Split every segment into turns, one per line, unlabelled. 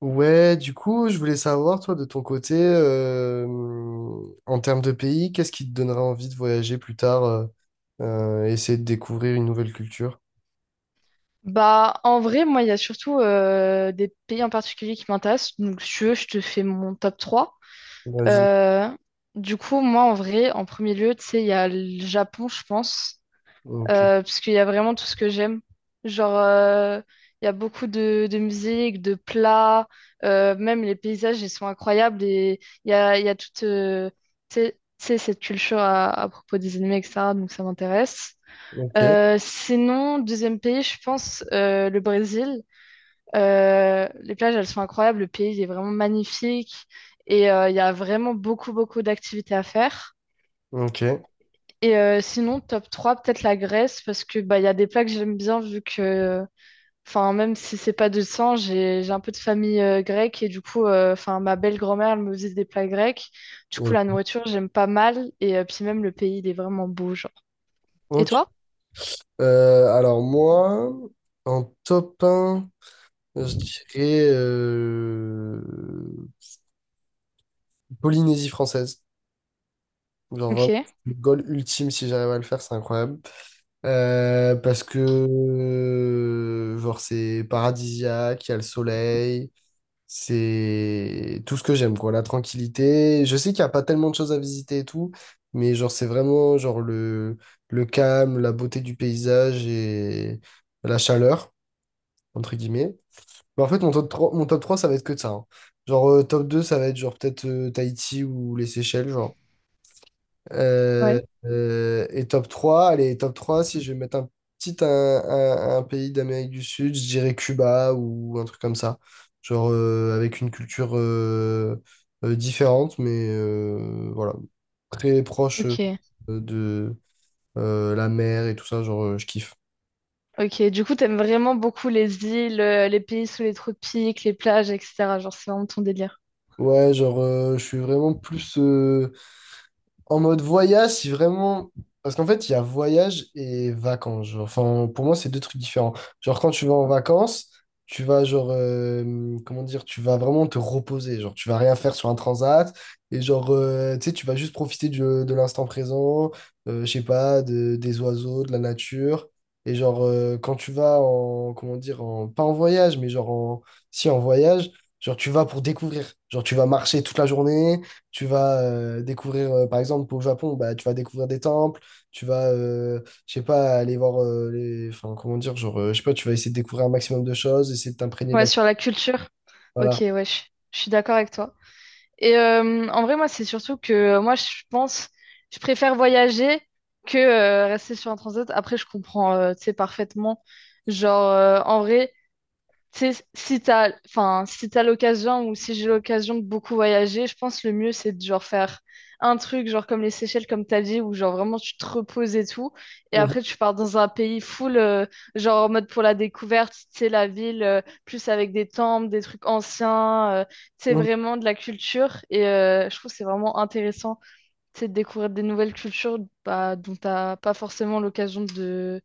Ouais, du coup, je voulais savoir, toi, de ton côté, en termes de pays, qu'est-ce qui te donnerait envie de voyager plus tard, essayer de découvrir une nouvelle culture?
Bah, en vrai, moi, il y a surtout des pays en particulier qui m'intéressent. Donc, si tu veux, je te fais mon top 3.
Vas-y.
Euh, du coup, moi, en vrai, en premier lieu, tu sais, il y a le Japon, je pense,
Ok,
parce qu'il y a vraiment tout ce que j'aime. Genre, il y a beaucoup de musique, de plats, même les paysages, ils sont incroyables. Et il y a toute, tu sais, cette culture à propos des animés, etc. Donc, ça m'intéresse.
ok,
Sinon, deuxième pays, je pense le Brésil. Les plages, elles sont incroyables. Le pays il est vraiment magnifique et il y a vraiment beaucoup, beaucoup d'activités à faire.
ok,
Et sinon, top 3 peut-être la Grèce parce que bah, il y a des plats que j'aime bien vu que, enfin, même si c'est pas de sang, j'ai un peu de famille grecque et du coup, enfin, ma belle-grand-mère, elle me faisait des plats grecs. Du coup, la
ok.
nourriture, j'aime pas mal et puis même le pays, il est vraiment beau, genre. Et
Ok.
toi?
Alors moi, en top un, je dirais Polynésie française. Genre
Ok.
vraiment, le goal ultime, si j'arrive à le faire, c'est incroyable. Parce que genre c'est paradisiaque, il y a le soleil, c'est tout ce que j'aime quoi, la tranquillité. Je sais qu'il n'y a pas tellement de choses à visiter et tout, mais genre c'est vraiment genre le calme, la beauté du paysage et la chaleur entre guillemets. Mais en fait mon top 3 ça va être que de ça, hein. Genre top 2 ça va être genre peut-être Tahiti ou les Seychelles genre. Euh,
Ouais.
et top 3 allez, top 3 si je vais mettre un petit un, un pays d'Amérique du Sud, je dirais Cuba ou un truc comme ça. Genre avec une culture différente, mais voilà, très proche
Ok.
de la mer et tout ça, genre je kiffe.
Ok, du coup, t'aimes vraiment beaucoup les îles, les pays sous les tropiques, les plages, etc. Genre, c'est vraiment ton délire.
Ouais, genre je suis vraiment plus... en mode voyage, si vraiment. Parce qu'en fait, il y a voyage et vacances, genre. Enfin, pour moi, c'est deux trucs différents. Genre, quand tu vas en vacances, tu vas, genre, comment dire, tu vas vraiment te reposer. Genre, tu vas rien faire sur un transat. Et genre, tu sais, tu vas juste profiter de l'instant présent, je sais pas, des oiseaux, de la nature. Et genre, quand tu vas en, comment dire, en, pas en voyage, mais genre, en, si, en voyage, genre, tu vas pour découvrir. Genre, tu vas marcher toute la journée. Tu vas découvrir, par exemple, pour le Japon, bah, tu vas découvrir des temples, tu vas, je sais pas, aller voir les. Enfin, comment dire, genre, je sais pas, tu vas essayer de découvrir un maximum de choses, essayer de t'imprégner de
Ouais,
la.
sur la culture. Ok,
Voilà.
ouais, je suis d'accord avec toi. Et en vrai, moi, c'est surtout que moi, je pense, je préfère voyager que rester sur un transat. Après, je comprends, tu sais, parfaitement. Genre, en vrai, tu sais, si t'as, enfin, si t'as l'occasion ou si j'ai l'occasion de beaucoup voyager, je pense le mieux c'est de genre faire un truc genre comme les Seychelles comme t'as dit où genre vraiment tu te reposes et tout et
Mhm,
après tu pars dans un pays full genre en mode pour la découverte, tu sais la ville plus avec des temples, des trucs anciens, tu sais vraiment de la culture et je trouve que c'est vraiment intéressant, tu sais, de découvrir des nouvelles cultures bah, dont t'as pas forcément l'occasion de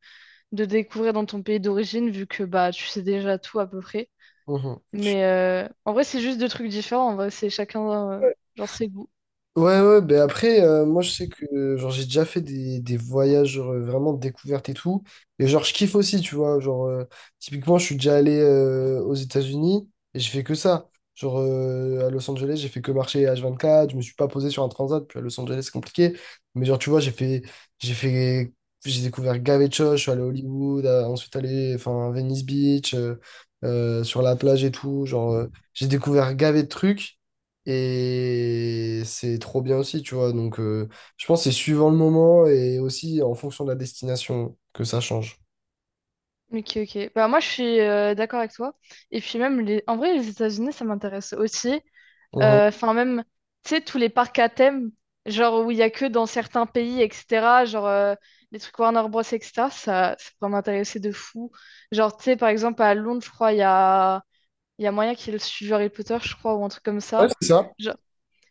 de découvrir dans ton pays d'origine vu que bah tu sais déjà tout à peu près.
mhm,
Mais en vrai, c'est juste deux trucs différents. En vrai, c'est chacun,
mhm.
genre, ses goûts.
Ouais, ouais, ben après, moi je sais que genre j'ai déjà fait des voyages genre, vraiment de découverte et tout. Et genre je kiffe aussi, tu vois. Genre, typiquement, je suis déjà allé aux États-Unis et j'ai fait que ça. Genre à Los Angeles, j'ai fait que marcher H24, je me suis pas posé sur un transat, puis à Los Angeles, c'est compliqué. Mais genre, tu vois, j'ai fait, j'ai découvert gavé de choses, je suis allé à Hollywood, ensuite allé enfin, à Venice Beach, sur la plage et tout. Genre, j'ai découvert gavé de trucs. Et c'est trop bien aussi, tu vois. Donc, je pense que c'est suivant le moment et aussi en fonction de la destination que ça change.
Ok, ok. Bah, moi, je suis d'accord avec toi. Et puis, même, en vrai, les États-Unis, ça m'intéresse aussi.
Mhm.
Enfin, même, tu sais, tous les parcs à thème, genre, où il y a que dans certains pays, etc. Genre, les trucs Warner Bros, etc. Ça pourrait m'intéresser de fou. Genre, tu sais, par exemple, à Londres, je crois, il y a moyen qu'ils suivent Harry Potter, je crois, ou un truc comme
Ouais,
ça.
c'est ça.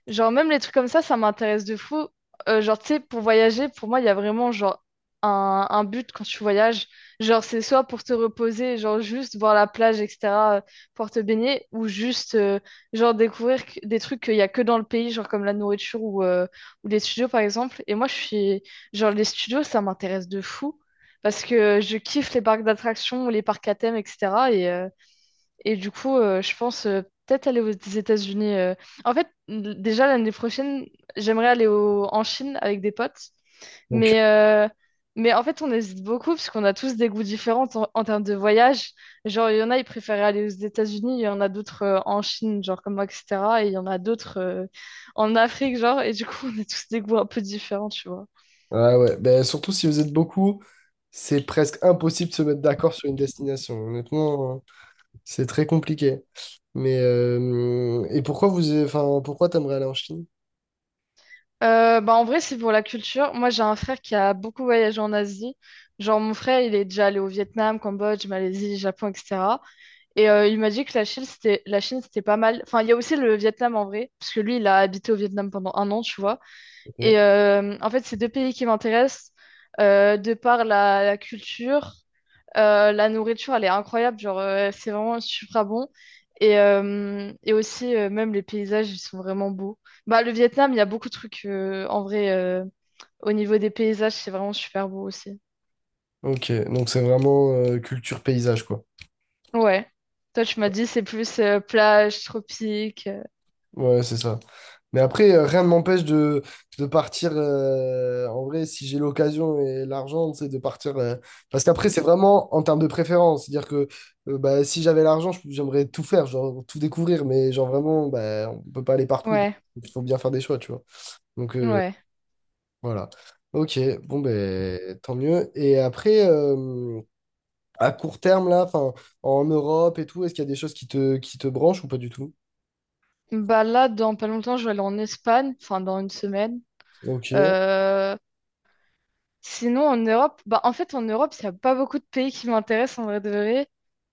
Genre, même les trucs comme ça m'intéresse de fou. Genre, tu sais, pour voyager, pour moi, il y a vraiment genre un but quand tu voyages. Genre, c'est soit pour te reposer, genre juste voir la plage, etc., euh, pour te baigner, ou juste genre découvrir des trucs qu'il y a que dans le pays, genre comme la nourriture ou les studios, par exemple. Et moi, je suis genre, les studios, ça m'intéresse de fou parce que je kiffe les parcs d'attractions, les parcs à thème, etc. Et du coup, je pense peut-être aller aux États-Unis. En fait, déjà l'année prochaine, j'aimerais aller en Chine avec des potes.
Donc,
Mais, euh, mais en fait, on hésite beaucoup parce qu'on a tous des goûts différents en termes de voyage. Genre, il y en a, ils préféraient aller aux États-Unis, il y en a d'autres en Chine, genre comme moi, etc. Et il y en a d'autres en Afrique, genre. Et du coup, on a tous des goûts un peu différents, tu vois.
ouais, ouais. Ben, surtout si vous êtes beaucoup, c'est presque impossible de se mettre d'accord sur une destination. Honnêtement, c'est très compliqué. Mais et pourquoi vous, enfin, pourquoi t'aimerais aller en Chine?
Bah en vrai, c'est pour la culture. Moi, j'ai un frère qui a beaucoup voyagé en Asie. Genre, mon frère, il est déjà allé au Vietnam, Cambodge, Malaisie, Japon, etc. Et il m'a dit que la Chine, c'était pas mal. Enfin, il y a aussi le Vietnam en vrai, parce que lui, il a habité au Vietnam pendant un an, tu vois.
Ok.
Et en fait, c'est deux pays qui m'intéressent de par la culture la nourriture, elle est incroyable, genre, c'est vraiment super bon. Et aussi, même les paysages, ils sont vraiment beaux. Bah, le Vietnam, il y a beaucoup de trucs, en vrai, au niveau des paysages, c'est vraiment super beau aussi.
Ok, donc c'est vraiment culture paysage, quoi.
Ouais. Toi, tu m'as dit, c'est plus plage, tropique.
Ouais, c'est ça. Mais après, rien ne m'empêche de partir, en vrai, si j'ai l'occasion et l'argent, c'est de partir. Parce qu'après, c'est vraiment en termes de préférence. C'est-à-dire que bah, si j'avais l'argent, j'aimerais tout faire, genre tout découvrir. Mais genre vraiment, bah, on peut pas aller partout. Donc,
Ouais,
il faut bien faire des choix, tu vois. Donc
ouais.
voilà. Ok, bon, ben tant mieux. Et après, à court terme, là, enfin, en Europe et tout, est-ce qu'il y a des choses qui te branchent ou pas du tout?
Bah là, dans pas longtemps, je vais aller en Espagne, enfin, dans une semaine.
Ok,
Euh, Sinon, en Europe, bah, en fait, en Europe, il n'y a pas beaucoup de pays qui m'intéressent en vrai de vrai.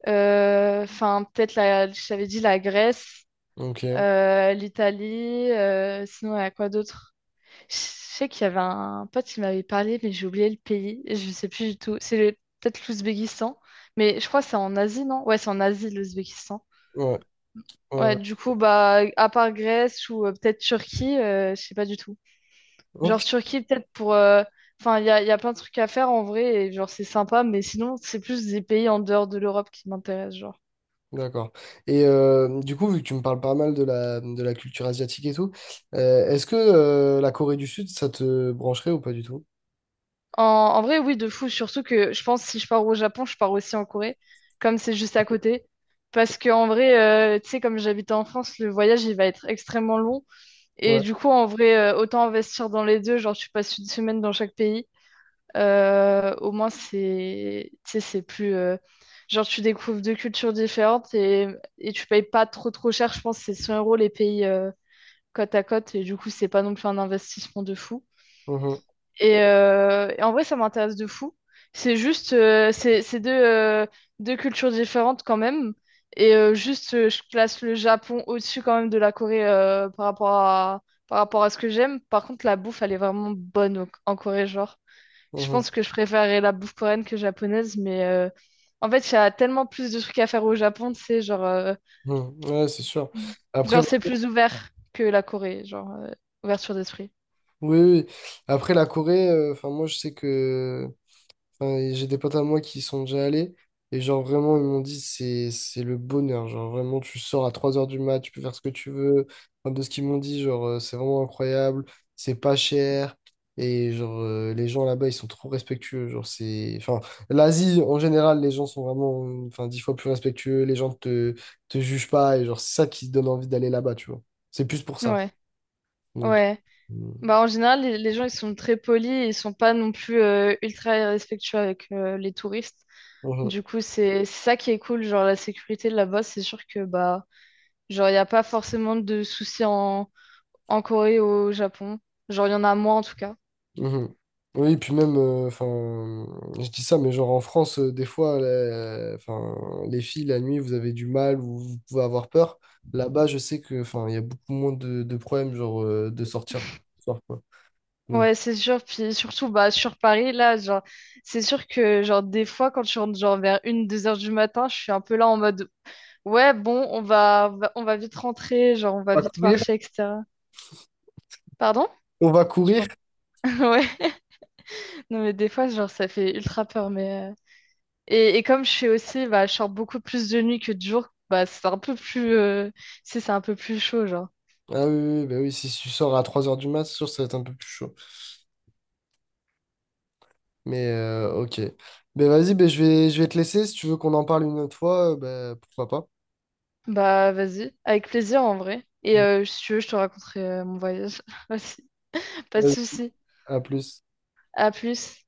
Enfin, peut-être, je t'avais dit la Grèce,
ok.
l'Italie, sinon, il y a quoi d'autre? Je sais qu'il y avait un pote qui m'avait parlé, mais j'ai oublié le pays. Je ne sais plus du tout. C'est peut-être l'Ouzbékistan, mais je crois que c'est en Asie, non? Ouais, c'est en Asie, l'Ouzbékistan.
Ouais.
Ouais,
Ouais,
du coup, bah, à part Grèce ou peut-être Turquie, je sais pas du tout. Genre
ok,
Turquie, peut-être pour. Enfin, il y a plein de trucs à faire en vrai, et genre c'est sympa, mais sinon, c'est plus des pays en dehors de l'Europe qui m'intéressent, genre.
d'accord. Et du coup, vu que tu me parles pas mal de la culture asiatique et tout, est-ce que la Corée du Sud, ça te brancherait ou pas du tout?
En vrai, oui, de fou, surtout que je pense si je pars au Japon, je pars aussi en Corée, comme c'est juste à côté. Parce que en vrai, tu sais, comme j'habite en France, le voyage, il va être extrêmement long. Et
Ouais.
du coup, en vrai, autant investir dans les deux, genre tu passes une semaine dans chaque pays. Au moins, c'est, tu sais, c'est plus. Genre, tu découvres deux cultures différentes et tu payes pas trop trop cher. Je pense que c'est 100 € les pays côte à côte. Et du coup, c'est pas non plus un investissement de fou.
Mhm,
Et en vrai, ça m'intéresse de fou. C'est juste, c'est deux cultures différentes quand même. Et juste, je classe le Japon au-dessus quand même de la Corée par rapport à, ce que j'aime. Par contre, la bouffe, elle est vraiment bonne en Corée, genre. Je
mhm,
pense que je préférerais la bouffe coréenne que japonaise, mais en fait, il y a tellement plus de trucs à faire au Japon, tu sais, genre,
mhm. Ouais, c'est sûr.
Mm.
Après,
Genre c'est plus ouvert que la Corée, genre, ouverture d'esprit.
oui, oui, oui. Après la Corée, enfin moi je sais que enfin, et j'ai des potes à moi qui y sont déjà allés. Et genre, vraiment, ils m'ont dit, c'est le bonheur. Genre, vraiment, tu sors à 3 heures du mat, tu peux faire ce que tu veux. Enfin, de ce qu'ils m'ont dit, genre, c'est vraiment incroyable. C'est pas cher. Et genre, les gens là-bas, ils sont trop respectueux. Genre, c'est... Enfin, l'Asie, en général, les gens sont vraiment, enfin, 10 fois plus respectueux. Les gens te jugent pas. Et genre, c'est ça qui te donne envie d'aller là-bas, tu vois. C'est plus pour ça.
Ouais,
Donc,
ouais.
euh,
Bah, en général, les gens, ils sont très polis, et ils sont pas non plus ultra respectueux avec les touristes. Du coup, c'est ça qui est cool, genre la sécurité là-bas, c'est sûr que, bah, genre, il n'y a pas forcément de soucis en Corée ou au Japon. Genre, il y en a moins en tout cas.
mhm. Oui, puis même, enfin, je dis ça, mais genre en France, des fois, enfin, les filles, la nuit, vous avez du mal ou vous pouvez avoir peur. Là-bas, je sais que, enfin, il y a beaucoup moins de problèmes, genre, de sortir le soir, quoi. Donc,
Ouais, c'est sûr. Puis surtout, bah, sur Paris, là, genre, c'est sûr que, genre, des fois, quand je rentre, genre, vers une, deux heures du matin, je suis un peu là en mode, ouais, bon, on va vite rentrer, genre, on va
on va
vite
courir.
marcher, etc. Pardon?
On va
Je
courir.
pense. Ouais. Non, mais des fois, genre, ça fait ultra peur, mais. Et comme je fais aussi, bah, je sors beaucoup plus de nuit que de jour, bah, c'est un peu plus, c'est un peu plus chaud, genre.
Ah oui, oui, oui, bah oui, si tu sors à 3 heures du mat, c'est sûr, ça va être un peu plus chaud. Mais, ok. Ben vas-y, ben, je vais te laisser. Si tu veux qu'on en parle une autre fois, ben, pourquoi pas.
Bah, vas-y. Avec plaisir, en vrai. Et, si tu veux, je te raconterai, mon voyage aussi. Pas de
Vas-y,
souci.
à plus.
À plus.